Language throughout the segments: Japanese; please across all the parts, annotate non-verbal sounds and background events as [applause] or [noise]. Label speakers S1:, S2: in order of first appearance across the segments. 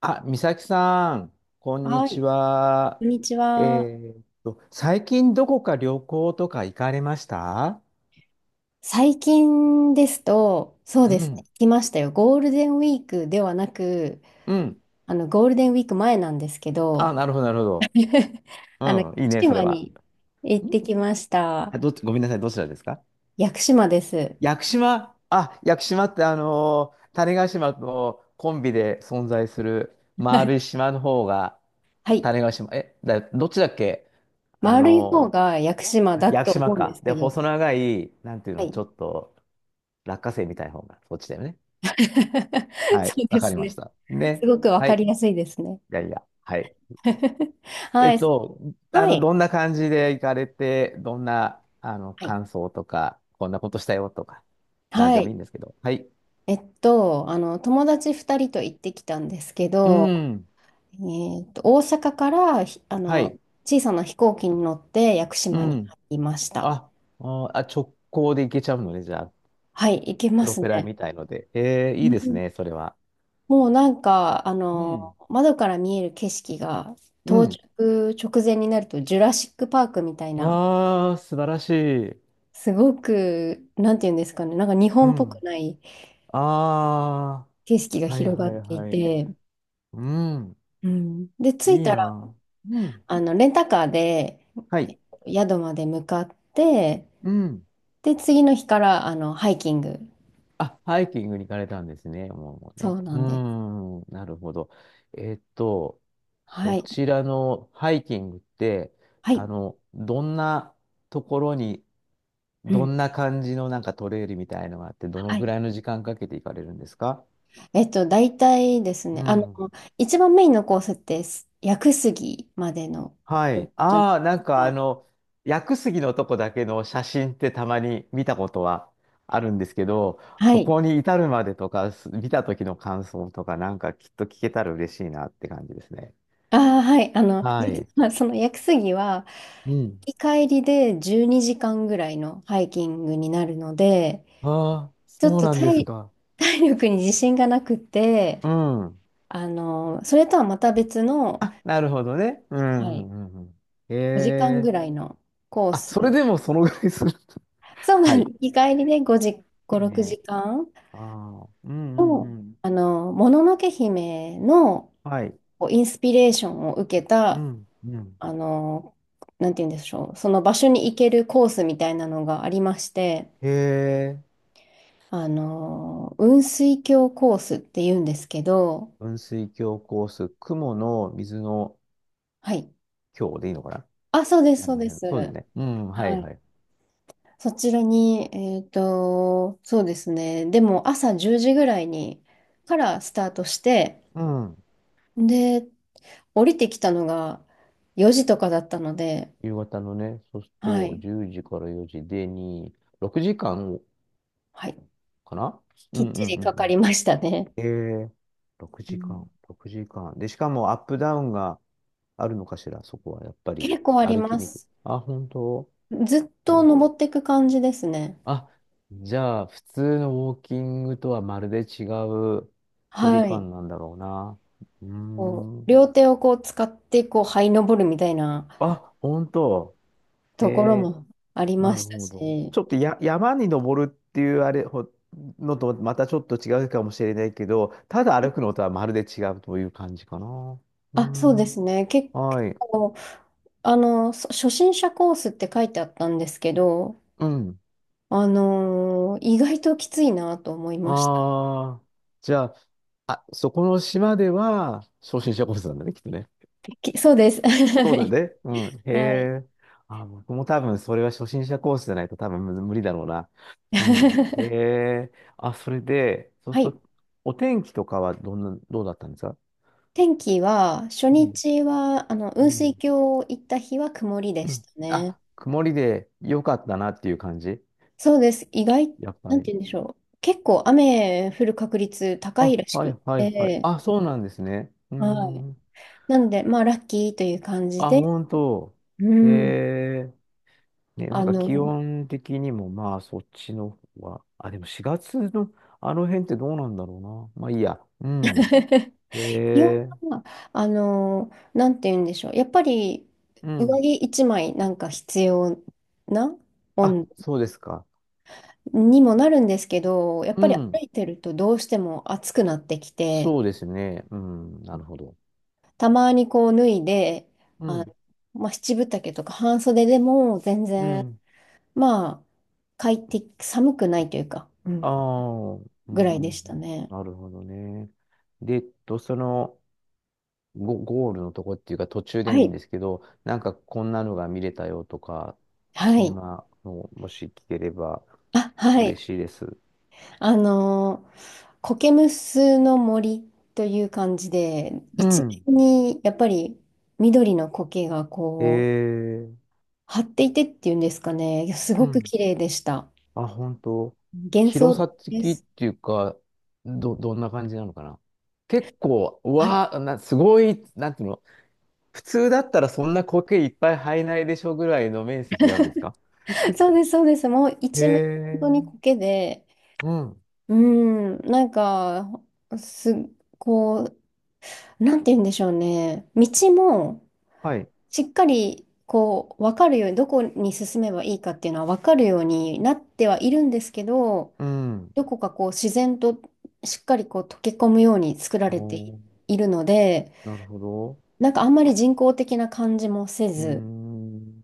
S1: あ、美咲さん、こんに
S2: はい、
S1: ち
S2: こ
S1: は。
S2: んにち
S1: え
S2: は。
S1: 最近どこか旅行とか行かれました？
S2: 最近ですと、そう
S1: う
S2: ですね、
S1: ん。
S2: 来ましたよ。ゴールデンウィークではなく、
S1: うん。
S2: ゴールデンウィーク前なんですけ
S1: あ、
S2: ど、
S1: なるほど、なるほど。
S2: [laughs]
S1: う
S2: 屋
S1: ん、いい
S2: 久
S1: ね、それ
S2: 島
S1: は。
S2: に行っ
S1: ん
S2: てきました。
S1: あ、どっち、ごめんなさい、どちらですか？
S2: 屋久島です。
S1: 屋久島。あ、屋久島って、種子島とコンビで存在する丸い島の方が、
S2: はい。
S1: 種子島、どっちだっけ？あ
S2: 丸い方
S1: の
S2: が屋久島だ
S1: 屋
S2: と
S1: 久島
S2: 思うんで
S1: か。
S2: す
S1: で、
S2: けど、
S1: 細長い、なんていう
S2: は
S1: の、ちょ
S2: い。
S1: っと落花生みたいな方が、そっちだよね。
S2: [laughs]
S1: は
S2: そ
S1: い、
S2: う
S1: わ
S2: で
S1: か
S2: す
S1: りまし
S2: ね。
S1: た。
S2: す
S1: ね。
S2: ごくわ
S1: は
S2: かり
S1: い。
S2: やすいですね。
S1: いやいや、はい。
S2: [laughs]
S1: え
S2: は
S1: っ
S2: い。
S1: と、
S2: はい。
S1: どんな感じで行かれて、どんな、
S2: はい。
S1: 感想とか、こんなことしたよとか、なん
S2: は
S1: でもい
S2: い。
S1: いんですけど。はい。
S2: 友達2人と行ってきたんですけ
S1: う
S2: ど、
S1: ん。
S2: 大阪からひ、あ
S1: は
S2: の、
S1: い。
S2: 小さな飛行機に乗って屋久
S1: う
S2: 島に
S1: ん。
S2: 入りました。
S1: あ、あ直行で行けちゃうのね、じゃあ。
S2: はい、行け
S1: プ
S2: ま
S1: ロ
S2: す
S1: ペラ
S2: ね。
S1: みたいので。
S2: う
S1: いいです
S2: ん
S1: ね、それは。
S2: もうなんか、
S1: うん。
S2: 窓から見える景色が、
S1: う
S2: 到
S1: ん。
S2: 着直前になるとジュラシックパークみたいな、
S1: ああ、素晴らしい。
S2: すごく、なんていうんですかね、なんか日
S1: う
S2: 本っぽく
S1: ん。
S2: ない
S1: あ
S2: 景色が
S1: あ、はい
S2: 広が
S1: はい
S2: ってい
S1: はい。
S2: て、
S1: うん、
S2: うん、で、着い
S1: いい
S2: たら、
S1: な。うん、
S2: レンタカーで
S1: はい。
S2: 宿まで向かって、
S1: うん。
S2: で、次の日から、ハイキング。
S1: あ、ハイキングに行かれたんですね。もう、もう
S2: そ
S1: ね。
S2: うな
S1: う
S2: んです。
S1: ん、なるほど。えっと、
S2: は
S1: そ
S2: い。
S1: ちらのハイキングって、
S2: はい。
S1: どんなところに、
S2: う
S1: ど
S2: ん。
S1: んな感じのなんかトレイルみたいのがあって、どの
S2: は
S1: ぐ
S2: い。
S1: らいの時間かけて行かれるんですか？
S2: 大体ですね、
S1: うん。
S2: 一番メインのコースって、屋久杉までの
S1: は
S2: コース
S1: い。
S2: じゃないで
S1: ああ、な
S2: す
S1: んか
S2: か。
S1: 薬杉のとこだけの写真ってたまに見たことはあるんですけど、
S2: は
S1: そ
S2: い。
S1: こに至るまでとか、見た時の感想とか、なんかきっと聞けたら嬉しいなって感じですね。
S2: ああ、はい。
S1: は
S2: 実
S1: い。
S2: はその屋久杉は、
S1: うん。
S2: 行き帰りで12時間ぐらいのハイキングになるので、
S1: ああ、
S2: ちょっ
S1: そう
S2: と
S1: なんですか。
S2: 体力に自信がなくて、
S1: うん。
S2: それとはまた別の、
S1: あ、なるほどね。う
S2: は
S1: ん。う
S2: い、
S1: んうんうんへ
S2: 5時間ぐ
S1: え。
S2: らいのコー
S1: あ、
S2: ス。
S1: それでもそのぐらいする？[laughs]
S2: そうな
S1: は
S2: んで
S1: い。
S2: す。日帰りで5時、
S1: い
S2: 5、
S1: い
S2: 6
S1: ね。
S2: 時間
S1: ああ。うんうん
S2: の、
S1: うん。
S2: もののけ姫の
S1: はい。
S2: こうインスピレーションを受け
S1: う
S2: た、
S1: んうん。
S2: あの、なんて言うんでしょう、その場所に行けるコースみたいなのがありまして、
S1: へえ。
S2: 雲水峡コースって言うんですけど、
S1: 雲水峡コース、雲の水の
S2: はい。
S1: 峡でいいのかな？
S2: あ、そうです、
S1: あ
S2: そう
S1: の
S2: です。
S1: 辺。そうだよね。うん、は
S2: は
S1: い
S2: い。
S1: はい。
S2: そちらに、そうですね。でも朝10時ぐらいにからスタートして、
S1: うん。
S2: で、降りてきたのが4時とかだったので、
S1: 夕方のね、そうする
S2: は
S1: と、
S2: い、
S1: 10時から4時でに6時間かん
S2: はい、
S1: かな？う
S2: きっ
S1: んう
S2: ち
S1: ん
S2: り
S1: う
S2: か
S1: んう
S2: かり
S1: ん。
S2: ましたね。
S1: ええ、6
S2: う
S1: 時
S2: ん
S1: 間、6時間。で、しかもアップダウンがあるのかしら、そこはやっぱり。
S2: 結構あり
S1: 歩き
S2: ま
S1: にくい。
S2: す。
S1: あ、本当？
S2: ずっと
S1: お
S2: 登っていく感じですね。
S1: あ、じゃあ、普通のウォーキングとはまるで違う距離
S2: はい。
S1: 感なんだろうな。うー
S2: こう、
S1: ん。
S2: 両手をこう使って、こう、這い登るみたいな
S1: あ、本当。え
S2: ところ
S1: え、
S2: もありま
S1: なる
S2: した
S1: ほど。
S2: し、
S1: ちょっと山に登るっていうあれほのとまたちょっと違うかもしれないけど、ただ歩くのとはまるで違うという感じかな。う
S2: あ、そうで
S1: ん。
S2: すね。結
S1: はい。
S2: 構、初心者コースって書いてあったんですけど、
S1: うん。
S2: 意外ときついなと思いました。
S1: ああ、じゃあ、あ、そこの島では初心者コースなんだね、きっとね。
S2: そうです。[laughs]
S1: そ
S2: は
S1: うだ
S2: い。
S1: ね。うん。へえ。あ、僕も多分それは初心者コースじゃないと多分無理だろうな。
S2: [laughs]
S1: うん。へ
S2: は
S1: え。あ、それで、そうす
S2: い。
S1: ると、お天気とかはどんな、どうだったんですか？
S2: [laughs] 天気は、初
S1: うん。
S2: 日は、
S1: う
S2: 雲水
S1: ん
S2: 峡行った日は曇りで
S1: う
S2: し
S1: ん
S2: たね。
S1: あ、曇りで良かったなっていう感じ？
S2: そうです。意外、
S1: やっぱ
S2: なんて
S1: り。
S2: 言うんでしょう。結構雨降る確率高い
S1: あ、
S2: らし
S1: は
S2: くっ
S1: いはいはい。
S2: て、
S1: あ、そうなんですね。うー
S2: はい。
S1: ん。
S2: なので、まあ、ラッキーという感じ
S1: あ、
S2: で、
S1: 本当。
S2: う
S1: へ
S2: ん。
S1: え。ね、な
S2: あ
S1: んか気
S2: の、
S1: 温的にもまあそっちの方は、あ、でも4月のあの辺ってどうなんだろうな。まあいいや。うん。
S2: [laughs]
S1: へ
S2: 気温
S1: え、
S2: は、あのなんて言うんでしょう。やっぱり、
S1: う
S2: 上
S1: ん。
S2: 着一枚なんか必要な
S1: あ、
S2: 温度
S1: そうですか。
S2: にもなるんですけど、やっ
S1: う
S2: ぱり歩
S1: ん。
S2: いてるとどうしても暑くなってきて、
S1: そうですね。うん。なるほど。
S2: たまにこう脱いで、
S1: う
S2: あ、
S1: ん。
S2: まあ、七分丈とか半袖でも全
S1: う
S2: 然、
S1: ん。
S2: まあ、快適、寒くないというか、
S1: ああ、うん、う
S2: ぐら
S1: ん。
S2: い
S1: う
S2: でした
S1: ん
S2: ね。
S1: なるほどね。で、ゴールのとこっていうか途中で
S2: は
S1: もいいん
S2: い。
S1: ですけど、なんかこんなのが見れたよとか、
S2: は
S1: そん
S2: い。
S1: なのもし聞ければ
S2: あ、はい。
S1: 嬉しいです。
S2: コケムスの森という感じで、
S1: う
S2: 一
S1: ん。
S2: 面にやっぱり緑の苔が
S1: え
S2: こう、
S1: え、
S2: 張っていてっていうんですかね、いやす
S1: う
S2: ごく
S1: ん。
S2: 綺麗でした。
S1: あ、本当。
S2: 幻想
S1: 広
S2: 的
S1: さ
S2: で
S1: 的っ
S2: す。
S1: ていうか、どんな感じなのかな？結構、う
S2: はい。
S1: わあ、すごい、なんていうの、普通だったらそんな苔いっぱい生えないでしょぐらいの面積があるんですか？
S2: [laughs] そうです、そうです。もう
S1: へ
S2: 一面本当に
S1: え、
S2: 苔で、
S1: うん。
S2: うん、なんか、す、こう、なんて言うんでしょうね。道も、
S1: はい。
S2: しっかりこう分かるようにどこに進めばいいかっていうのは分かるようになってはいるんですけど、
S1: うん。
S2: どこかこう自然としっかりこう溶け込むように作られて
S1: おー、
S2: いるので、
S1: なるほど。
S2: なんかあんまり人工的な感じもせ
S1: うー
S2: ず、
S1: ん。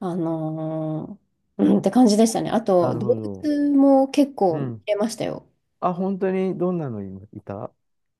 S2: あのうんって感じでしたね。あ
S1: な
S2: と
S1: る
S2: 動
S1: ほど。
S2: 物も結
S1: う
S2: 構見
S1: ん。
S2: れましたよ。
S1: あ、本当にどんなのいいた。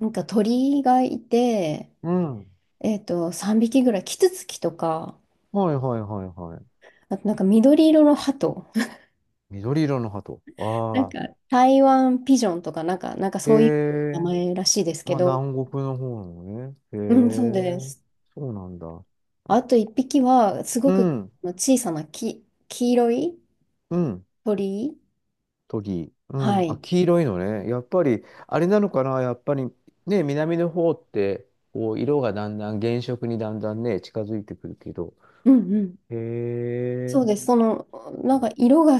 S2: なんか鳥がいて、
S1: うん。
S2: 3匹ぐらいキツツキとか、
S1: はいはいはいはい。
S2: あとなんか緑色の鳩、
S1: 緑色の鳩。
S2: なん
S1: ああ。
S2: か台湾ピジョンとかなんか
S1: へ
S2: そういう名
S1: え、
S2: 前らしいですけ
S1: まあ
S2: ど、
S1: 南国の方なのね。へ
S2: うん、そうで
S1: え、
S2: す。
S1: そうなんだ。
S2: あと一匹はすご
S1: う
S2: く
S1: ん、
S2: 小さな黄色い
S1: うん、
S2: 鳥。
S1: トギ。う
S2: は
S1: ん、あ、
S2: い。
S1: 黄色いのね。やっぱり、あれなのかな、やっぱり、ね、南の方って、こう、色がだんだん、原色にだんだんね、近づいてくるけど。
S2: うんうん。
S1: へ
S2: そ
S1: え、
S2: うです。なんか色が、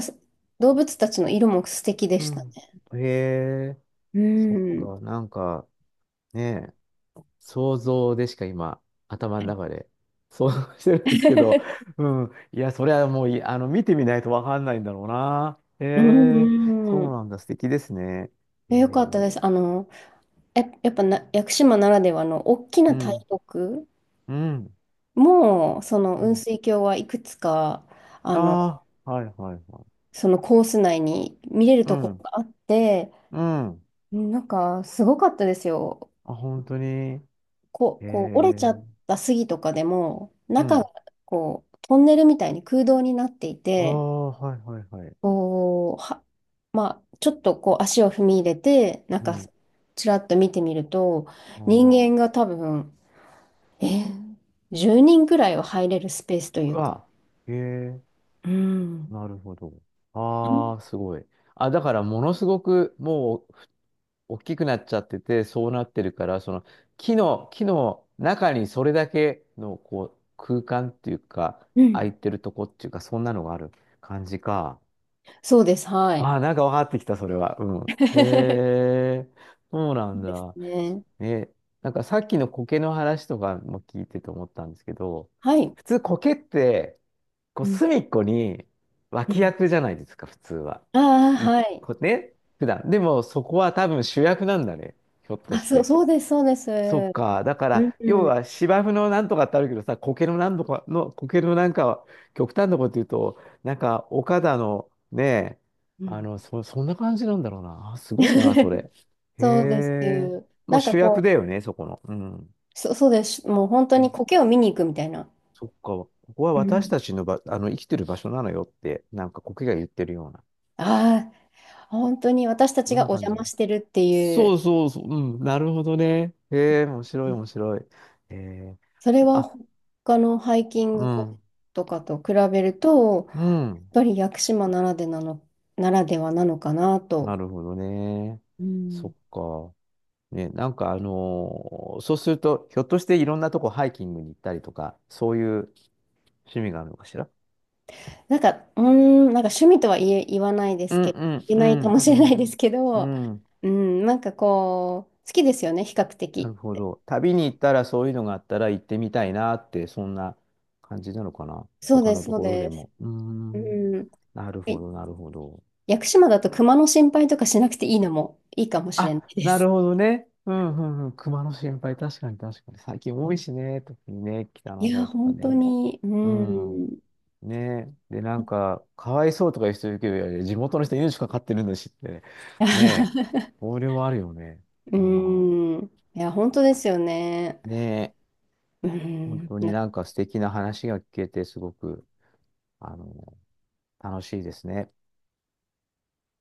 S2: 動物たちの色も素敵で
S1: う
S2: した
S1: ん。
S2: ね。
S1: へえ、
S2: う
S1: そっ
S2: ん。
S1: か、なんか、ね、想像でしか今、頭
S2: は
S1: の
S2: い。
S1: 中で想像してるんですけど、
S2: [laughs]
S1: うん。いや、それはもうい、あの、見てみないとわかんないんだろうな。へ
S2: う
S1: え、そ
S2: んう
S1: う
S2: ん。
S1: なんだ。素敵ですね。え
S2: よかった
S1: ー、
S2: です。あの、や、やっぱな、屋久島ならではの大き
S1: う
S2: な大
S1: ん、
S2: 木
S1: うん、
S2: も、その
S1: う
S2: 雲
S1: ん。
S2: 水峡はいくつか、あの、
S1: ああ、はい、はい、はい。
S2: そのコース内に見れる
S1: う
S2: ところ
S1: ん、
S2: があって、
S1: うん。
S2: うんなんかすごかったですよ。
S1: あ、本当に。え
S2: こう折れちゃっ
S1: ー、
S2: た杉とかでも、
S1: う
S2: 中が
S1: ん。
S2: こうトンネルみたいに空洞になってい
S1: あ
S2: て、
S1: あ、はい、はい、はい。
S2: こう、は、まあ、ちょっとこう足を踏み入れて、なん
S1: う
S2: か
S1: ん。
S2: ちらっと見てみると、
S1: あ
S2: 人
S1: ー
S2: 間が多分、えー、10人くらいは入れるスペースとい
S1: う
S2: うか。
S1: わ、えー、
S2: うん。
S1: なるほど。
S2: うん
S1: ああ、すごい。あ、だからものすごくもう大きくなっちゃってて、そうなってるから、その木の中にそれだけのこう空間っていうか、
S2: う
S1: 空
S2: ん。
S1: いてるとこっていうか、そんなのがある感じか。
S2: そうです、はい。
S1: ああ、なんか分かってきた、それは。うん。
S2: [laughs]
S1: へえ、そうなん
S2: で
S1: だ。
S2: すね。
S1: ね、なんかさっきの苔の話とかも聞いてて思ったんですけど、
S2: はい。
S1: 普通苔って、こう
S2: うん
S1: 隅っこに
S2: う
S1: 脇
S2: ん。
S1: 役じゃないですか、普通は。
S2: ああ、
S1: い、
S2: はい。
S1: こね、普段。でもそこは多分主役なんだね、ひょっと
S2: あ、
S1: し
S2: そう、
S1: て。
S2: そうです、そうです。
S1: そっか。だか
S2: うん、
S1: ら、要
S2: うん。
S1: は芝生のなんとかってあるけどさ、苔のなんとかの、苔のなんかは、極端なこと言うと、なんか、岡田のね、
S2: う
S1: あ
S2: ん。
S1: の、そ、そんな感じなんだろうな。あ、すごいな、そ
S2: [laughs]。
S1: れ。へ
S2: そうです。
S1: え。も
S2: な
S1: う
S2: んか
S1: 主役
S2: こう、
S1: だよね、そこの。うん。
S2: そうです。もう本当に
S1: ね
S2: 苔を見に行くみたいな。
S1: そっか。ここは
S2: う
S1: 私
S2: ん。
S1: たちのば、あの、生きてる場所なのよって、なんか苔が言ってるような。
S2: ああ、本当に私た
S1: そ
S2: ち
S1: ん
S2: が
S1: な
S2: お
S1: 感
S2: 邪
S1: じ
S2: 魔
S1: な。
S2: してるってい
S1: そ
S2: う、
S1: うそうそう。うん。なるほどね。へえ、面白
S2: う
S1: い、
S2: ん
S1: 面白い。へえ。
S2: それは
S1: あ、
S2: 他のハイキン
S1: う
S2: グ
S1: ん。
S2: とかと比べると、や
S1: う
S2: っ
S1: ん。
S2: ぱり屋久島ならでなの、ならではなのかな
S1: な
S2: と、
S1: るほどね。
S2: う
S1: そっ
S2: ん
S1: か。ね、なんかそうすると、ひょっとしていろんなとこハイキングに行ったりとか、そういう趣味があるのかしら？
S2: なんか、うーん、なんか趣味とは言え、言わないで
S1: う
S2: す
S1: ん
S2: けど、
S1: うん
S2: 言え
S1: う
S2: ないかも
S1: ん
S2: し
S1: う
S2: れない
S1: ん。
S2: ですけど、
S1: うん。
S2: うん、好きですよね、比較
S1: なる
S2: 的。
S1: ほど。旅に行ったらそういうのがあったら行ってみたいなって、そんな感じなのかな。
S2: そう
S1: 他
S2: で
S1: の
S2: す、
S1: と
S2: そう
S1: ころで
S2: です。
S1: も。うー
S2: う
S1: ん。
S2: ん。
S1: なる
S2: え
S1: ほど、なるほど。
S2: 屋久島だと熊の心配とかしなくていいのもいいかもしれな
S1: あ、
S2: いで
S1: な
S2: す。
S1: るほどね。うんうんうん。熊の心配、確かに確かに。最近多いしね。特にね、北
S2: い
S1: の
S2: や、
S1: 方とか
S2: 本当
S1: ね。
S2: に、う
S1: うん。
S2: ん。
S1: ねえ。で、なんか、かわいそうとかいう人いるけど、いやいや地元の人命かかってるんだしって。ねえ。
S2: [laughs]
S1: それはあるよね。
S2: う
S1: うん。
S2: ん。[laughs] いや、本当ですよね。
S1: ねえ。
S2: う
S1: 本
S2: ん。
S1: 当になんか素敵な話が聞けて、すごく、あの、楽しいですね。